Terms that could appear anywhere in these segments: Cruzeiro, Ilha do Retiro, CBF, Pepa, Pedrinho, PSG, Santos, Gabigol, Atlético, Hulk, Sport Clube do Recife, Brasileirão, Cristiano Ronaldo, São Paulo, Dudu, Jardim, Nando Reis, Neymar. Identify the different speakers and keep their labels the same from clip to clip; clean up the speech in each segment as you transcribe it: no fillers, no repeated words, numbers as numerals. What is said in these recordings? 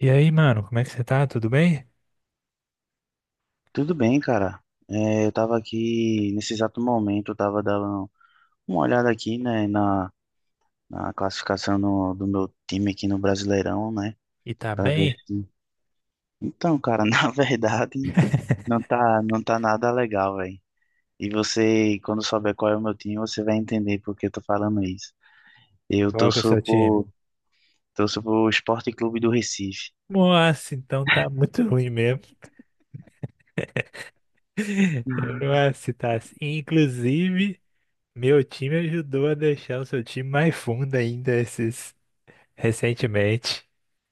Speaker 1: E aí, mano, como é que você tá? Tudo bem?
Speaker 2: Tudo bem, cara. Eu tava aqui, nesse exato momento, eu tava dando uma olhada aqui, né, na classificação do meu time aqui no Brasileirão, né,
Speaker 1: E tá
Speaker 2: pra ver
Speaker 1: bem?
Speaker 2: se... Então, cara, na verdade, não tá, não tá nada legal, velho. E você, quando souber qual é o meu time, você vai entender por que eu tô falando isso. Eu
Speaker 1: Qual que é o
Speaker 2: torço
Speaker 1: seu time?
Speaker 2: pro, torço pro Sport Clube do Recife.
Speaker 1: Nossa, então tá muito ruim mesmo. Nossa, tá assim. Inclusive, meu time ajudou a deixar o seu time mais fundo ainda esses recentemente.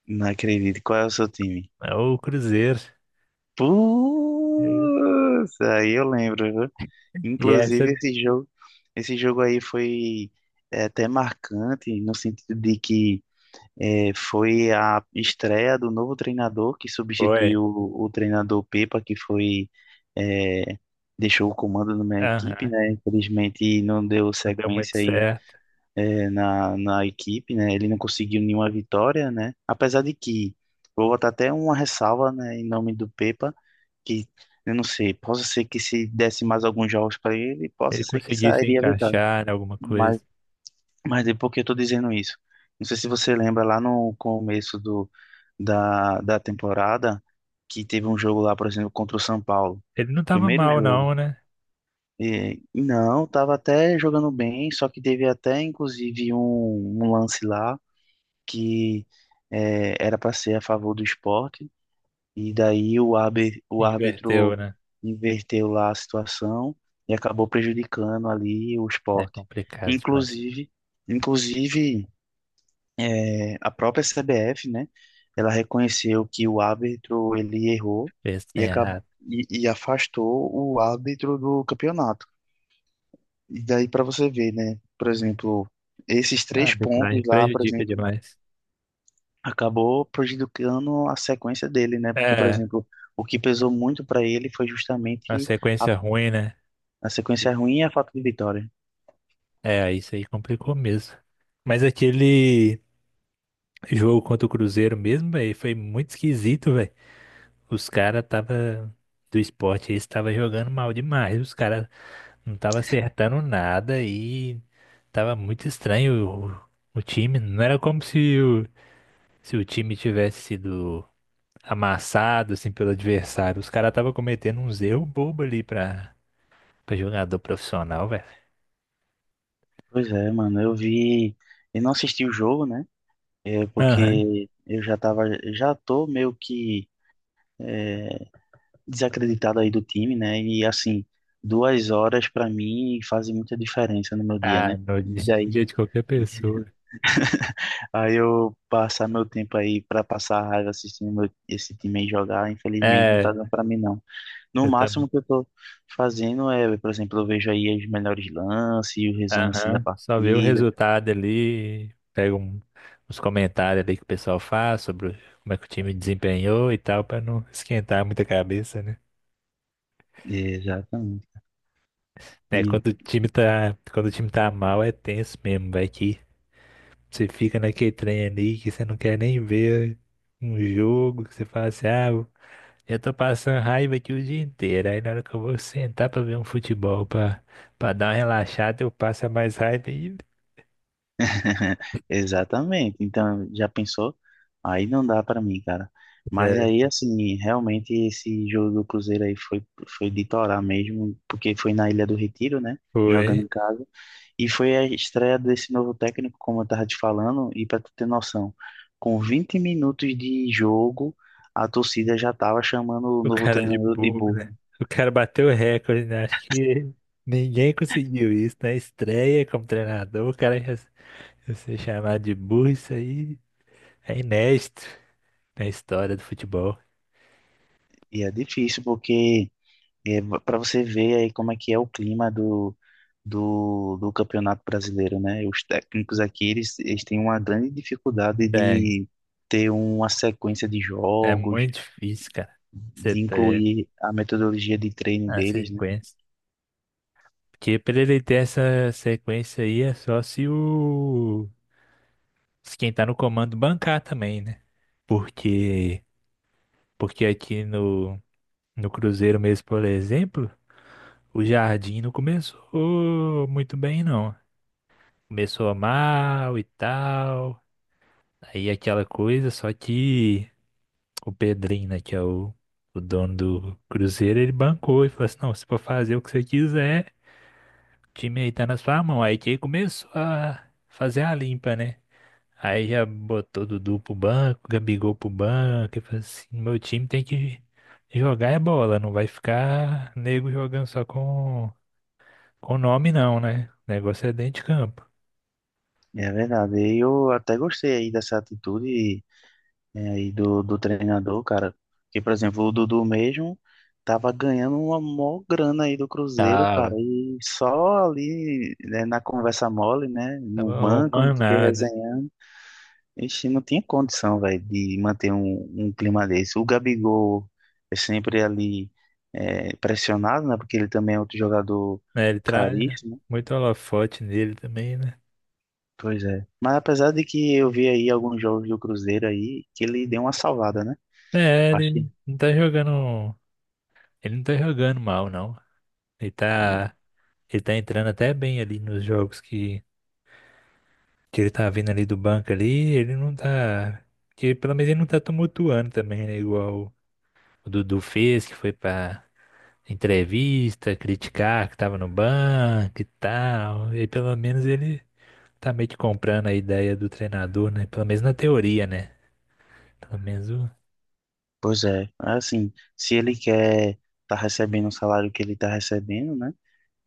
Speaker 2: Não acredito. Qual é o seu time?
Speaker 1: É o Cruzeiro.
Speaker 2: Putz, aí eu lembro, viu?
Speaker 1: E essa
Speaker 2: Inclusive, esse jogo, Esse jogo aí foi até marcante, no sentido de que foi a estreia do novo treinador que
Speaker 1: foi.
Speaker 2: substituiu o treinador Pepa, é, deixou o comando na minha equipe,
Speaker 1: Aham,
Speaker 2: né? Infelizmente, não deu
Speaker 1: não deu muito
Speaker 2: sequência aí,
Speaker 1: certo.
Speaker 2: na equipe, né? Ele não conseguiu nenhuma vitória, né? Apesar de que, vou botar até uma ressalva, né, em nome do Pepa que eu não sei, possa ser que se desse mais alguns jogos para ele,
Speaker 1: Ele
Speaker 2: possa ser que
Speaker 1: conseguiu se
Speaker 2: sairia vitória.
Speaker 1: encaixar em alguma
Speaker 2: Mas,
Speaker 1: coisa.
Speaker 2: mas é porque eu tô dizendo isso. Não sei se você lembra lá no começo da temporada que teve um jogo lá, por exemplo, contra o São Paulo.
Speaker 1: Ele não tava
Speaker 2: Primeiro
Speaker 1: mal,
Speaker 2: jogo.
Speaker 1: não, né?
Speaker 2: E, não, tava até jogando bem, só que teve até inclusive um lance lá que era para ser a favor do Sport e daí o
Speaker 1: Inverteu,
Speaker 2: árbitro
Speaker 1: né?
Speaker 2: inverteu lá a situação e acabou prejudicando ali o
Speaker 1: É
Speaker 2: esporte.
Speaker 1: complicado demais.
Speaker 2: Inclusive, inclusive, a própria CBF, né? Ela reconheceu que o árbitro ele errou
Speaker 1: Pensa
Speaker 2: e,
Speaker 1: em
Speaker 2: acab
Speaker 1: errado.
Speaker 2: e afastou o árbitro do campeonato. E daí para você ver, né? Por exemplo, esses
Speaker 1: A
Speaker 2: três pontos
Speaker 1: arbitragem
Speaker 2: lá, por
Speaker 1: prejudica
Speaker 2: exemplo,
Speaker 1: demais.
Speaker 2: acabou prejudicando a sequência dele, né? Porque, por
Speaker 1: É,
Speaker 2: exemplo, o que pesou muito pra ele foi
Speaker 1: a
Speaker 2: justamente a,
Speaker 1: sequência ruim, né?
Speaker 2: a sequência ruim e a falta de vitória.
Speaker 1: É, isso aí complicou mesmo. Mas aquele jogo contra o Cruzeiro mesmo, velho, foi muito esquisito, velho. Os caras tava do esporte, eles tava jogando mal demais. Os caras não tava acertando nada e tava muito estranho o time. Não era como se se o time tivesse sido amassado assim pelo adversário. Os caras tava cometendo uns erros bobos ali pra pra jogador profissional, velho.
Speaker 2: Pois é, mano, eu não assisti o jogo, né? É
Speaker 1: Aham.
Speaker 2: porque já tô meio que é, desacreditado aí do time, né? E assim, 2 horas pra mim fazem muita diferença no meu dia,
Speaker 1: Ah,
Speaker 2: né?
Speaker 1: no
Speaker 2: E daí,
Speaker 1: dia de qualquer pessoa.
Speaker 2: aí eu passar meu tempo aí pra passar raiva assistindo esse time aí jogar, infelizmente não
Speaker 1: É,
Speaker 2: tá dando pra mim não. No
Speaker 1: eu também.
Speaker 2: máximo que eu tô fazendo é, por exemplo, eu vejo aí os melhores lances e o resumo assim da
Speaker 1: Aham. Só vê o
Speaker 2: partida.
Speaker 1: resultado ali, pega um- uns comentários ali que o pessoal faz sobre o- como é que o time desempenhou e tal, pra não esquentar muita cabeça, né?
Speaker 2: Exatamente.
Speaker 1: É,
Speaker 2: E-
Speaker 1: quando o time tá mal é tenso mesmo, vai que você fica naquele trem ali que você não quer nem ver um jogo, que você fala assim, ah, eu tô passando raiva aqui o dia inteiro. Aí na hora que eu vou sentar pra ver um futebol, pra, pra dar uma relaxada, eu passo a mais raiva ainda.
Speaker 2: Exatamente. Então, já pensou? Aí não dá pra mim, cara. Mas
Speaker 1: É,
Speaker 2: aí, assim, realmente esse jogo do Cruzeiro aí foi de torar mesmo, porque foi na Ilha do Retiro, né? Jogando
Speaker 1: foi.
Speaker 2: em casa. E foi a estreia desse novo técnico, como eu estava te falando, e para tu ter noção, com 20 minutos de jogo, a torcida já estava chamando o
Speaker 1: O
Speaker 2: novo
Speaker 1: cara de
Speaker 2: treinador de
Speaker 1: bobo,
Speaker 2: burro.
Speaker 1: né? O cara bateu o recorde, né? Acho que ninguém conseguiu isso na estreia como treinador. O cara já ser chamado de burro, isso aí é inédito na história do futebol.
Speaker 2: E é difícil, porque para você ver aí como é que é o clima do Campeonato Brasileiro, né? Os técnicos aqui, eles têm uma grande dificuldade
Speaker 1: É,
Speaker 2: de ter uma sequência de
Speaker 1: é
Speaker 2: jogos,
Speaker 1: muito difícil, cara. Você
Speaker 2: de
Speaker 1: ter
Speaker 2: incluir a metodologia de treino
Speaker 1: a
Speaker 2: deles, né?
Speaker 1: sequência. Porque pra ele ter essa sequência aí é só se o. Se quem tá no comando bancar também, né? Porque. Porque aqui no Cruzeiro mesmo, por exemplo, o Jardim não começou muito bem, não. Começou mal e tal. Aí aquela coisa, só que o Pedrinho, né, que é o dono do Cruzeiro, ele bancou e falou assim: não, se for fazer o que você quiser, o time aí tá na sua mão. Aí que ele começou a fazer a limpa, né? Aí já botou Dudu pro banco, Gabigol pro banco, e falou assim, meu time tem que jogar é bola, não vai ficar nego jogando só com nome não, né? O negócio é dentro de campo.
Speaker 2: É verdade. E eu até gostei aí dessa atitude do treinador, cara. Que, por exemplo, o Dudu mesmo tava ganhando uma mó grana aí do Cruzeiro, cara.
Speaker 1: Tava,
Speaker 2: E só ali, né, na conversa mole, né? No
Speaker 1: tava
Speaker 2: banco, não
Speaker 1: arrumando
Speaker 2: sei o que,
Speaker 1: nada,
Speaker 2: resenhando. Ixi, não tinha condição, velho, de manter um clima desse. O Gabigol é sempre ali pressionado, né? Porque ele também é outro jogador
Speaker 1: né? Ele traz
Speaker 2: caríssimo.
Speaker 1: muito holofote nele também, né?
Speaker 2: Pois é. Mas apesar de que eu vi aí alguns jogos do Cruzeiro aí, que ele deu uma salvada, né?
Speaker 1: É,
Speaker 2: Acho que
Speaker 1: não tá jogando, ele não tá jogando mal, não. Ele
Speaker 2: é.
Speaker 1: tá, ele tá entrando até bem ali nos jogos que ele tá vindo ali do banco ali, ele não tá. Que pelo menos ele não tá tumultuando também, né? Igual o Dudu fez, que foi pra entrevista, criticar que tava no banco e tal. E pelo menos ele tá meio que comprando a ideia do treinador, né? Pelo menos na teoria, né? Pelo menos o
Speaker 2: Pois é. Assim, se ele quer tá recebendo o salário que ele tá recebendo, né?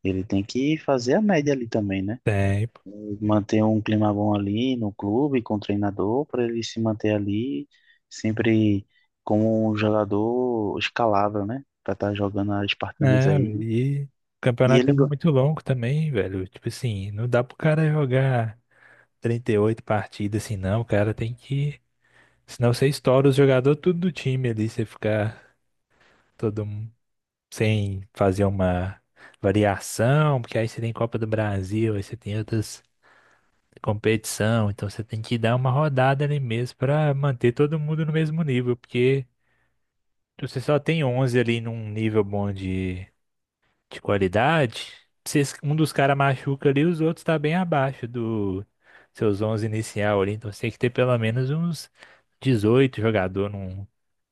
Speaker 2: Ele tem que fazer a média ali também, né?
Speaker 1: tempo.
Speaker 2: Manter um clima bom ali no clube, com o treinador, para ele se manter ali sempre como um jogador escalável, né? Para estar jogando as partidas
Speaker 1: É,
Speaker 2: aí.
Speaker 1: e o
Speaker 2: E
Speaker 1: campeonato é
Speaker 2: ele. go-
Speaker 1: muito longo também, velho. Tipo assim, não dá pro cara jogar 38 partidas assim, não. O cara tem que senão você estoura os jogadores tudo do time ali, você fica todo mundo sem fazer uma variação, porque aí você tem Copa do Brasil, aí você tem outras competição, então você tem que dar uma rodada ali mesmo pra manter todo mundo no mesmo nível, porque se você só tem 11 ali num nível bom de qualidade, se es- um dos caras machuca ali, os outros tá bem abaixo do seus 11 inicial ali, então você tem que ter pelo menos uns 18 jogador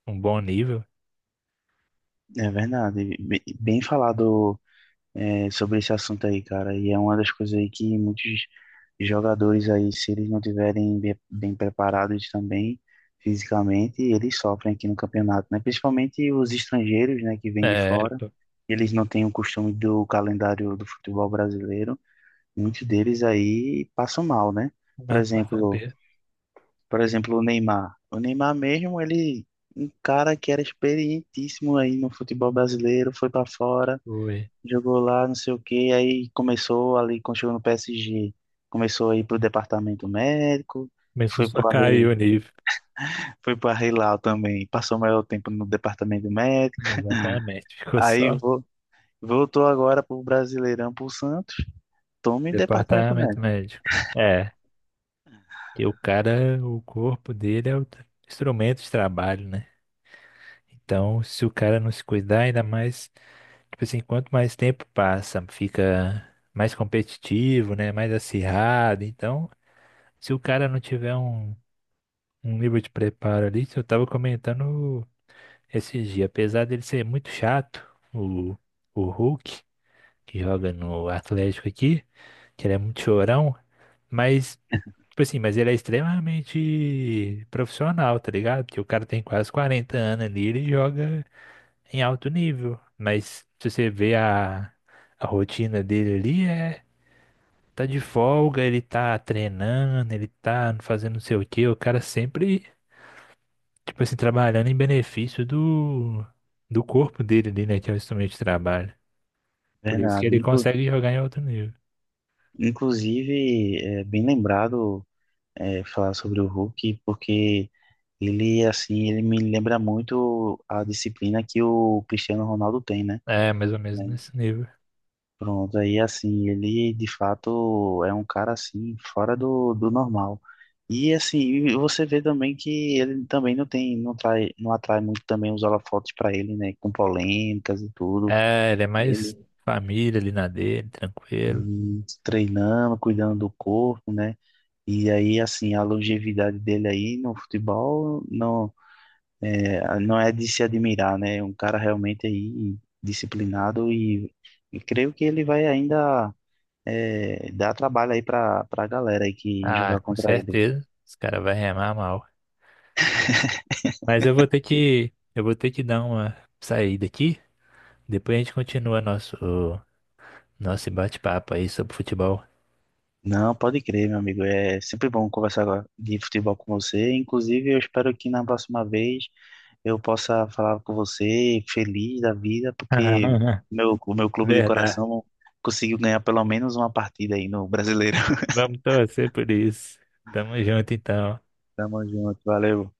Speaker 1: num bom nível.
Speaker 2: É verdade. Bem bem falado sobre esse assunto aí, cara. E é uma das coisas aí que muitos jogadores aí, se eles não tiverem bem preparados também fisicamente, eles sofrem aqui no campeonato, né? Principalmente os estrangeiros, né, que vêm de
Speaker 1: É,
Speaker 2: fora.
Speaker 1: p-
Speaker 2: Eles não têm o costume do calendário do futebol brasileiro. Muitos deles aí passam mal, né? Por
Speaker 1: mas passar
Speaker 2: exemplo,
Speaker 1: perto.
Speaker 2: por exemplo, o Neymar. O Neymar mesmo, um cara que era experientíssimo aí no futebol brasileiro, foi para fora.
Speaker 1: Foi.
Speaker 2: Jogou lá, não sei o que aí começou ali, quando chegou no PSG, começou a ir pro departamento médico,
Speaker 1: Começou
Speaker 2: foi
Speaker 1: só a
Speaker 2: pro al
Speaker 1: cair o nível.
Speaker 2: foi pro al também, passou o maior tempo no departamento médico,
Speaker 1: Exatamente. Ficou
Speaker 2: aí
Speaker 1: só
Speaker 2: vo- voltou agora pro Brasileirão, pro Santos, tome departamento
Speaker 1: departamento
Speaker 2: médico.
Speaker 1: médico. É, que o cara, o corpo dele é o tra- instrumento de trabalho, né? Então, se o cara não se cuidar, ainda mais, tipo assim, quanto mais tempo passa, fica mais competitivo, né? Mais acirrado. Então, se o cara não tiver um nível de preparo ali, eu tava comentando. Esses dias, apesar dele ser muito chato, o, o Hulk, que joga no Atlético aqui, que ele é muito chorão, mas, tipo assim, mas ele é extremamente profissional, tá ligado? Porque o cara tem quase 40 anos ali, ele joga em alto nível, mas se você vê a rotina dele ali, é, tá de folga, ele tá treinando, ele tá fazendo não sei o quê, o cara sempre tipo assim, trabalhando em benefício do corpo dele ali, né? Que é o instrumento de trabalho. Por isso que
Speaker 2: Bernardo,
Speaker 1: ele
Speaker 2: inclu-
Speaker 1: consegue jogar em outro nível.
Speaker 2: Inclusive, é bem lembrado falar sobre o Hulk, porque ele, assim, ele me lembra muito a disciplina que o Cristiano Ronaldo tem, né?
Speaker 1: É, mais ou menos nesse nível.
Speaker 2: Pronto, aí assim, ele de fato é um cara assim, fora do normal. E assim, e você vê também que ele também não tem, não trai, não atrai muito também os holofotes para ele, né? Com polêmicas e tudo.
Speaker 1: É, ele é mais
Speaker 2: Ele
Speaker 1: família ali na dele, tranquilo.
Speaker 2: treinando, cuidando do corpo, né? E aí, assim, a longevidade dele aí no futebol não não é de se admirar, né? É um cara realmente aí disciplinado e creio que ele vai ainda. É, dá trabalho aí pra galera aí que
Speaker 1: Ah,
Speaker 2: jogar
Speaker 1: com
Speaker 2: contra ele.
Speaker 1: certeza. Os caras vão remar mal. Mas eu vou ter que dar uma saída aqui. Depois a gente continua nosso bate-papo aí sobre futebol.
Speaker 2: Não, pode crer, meu amigo. É sempre bom conversar agora de futebol com você. Inclusive, eu espero que na próxima vez eu possa falar com você feliz da vida, porque meu, o meu clube de
Speaker 1: Verdade.
Speaker 2: coração conseguiu ganhar pelo menos uma partida aí no Brasileiro.
Speaker 1: Vamos torcer por isso. Tamo junto então.
Speaker 2: Tamo junto, valeu.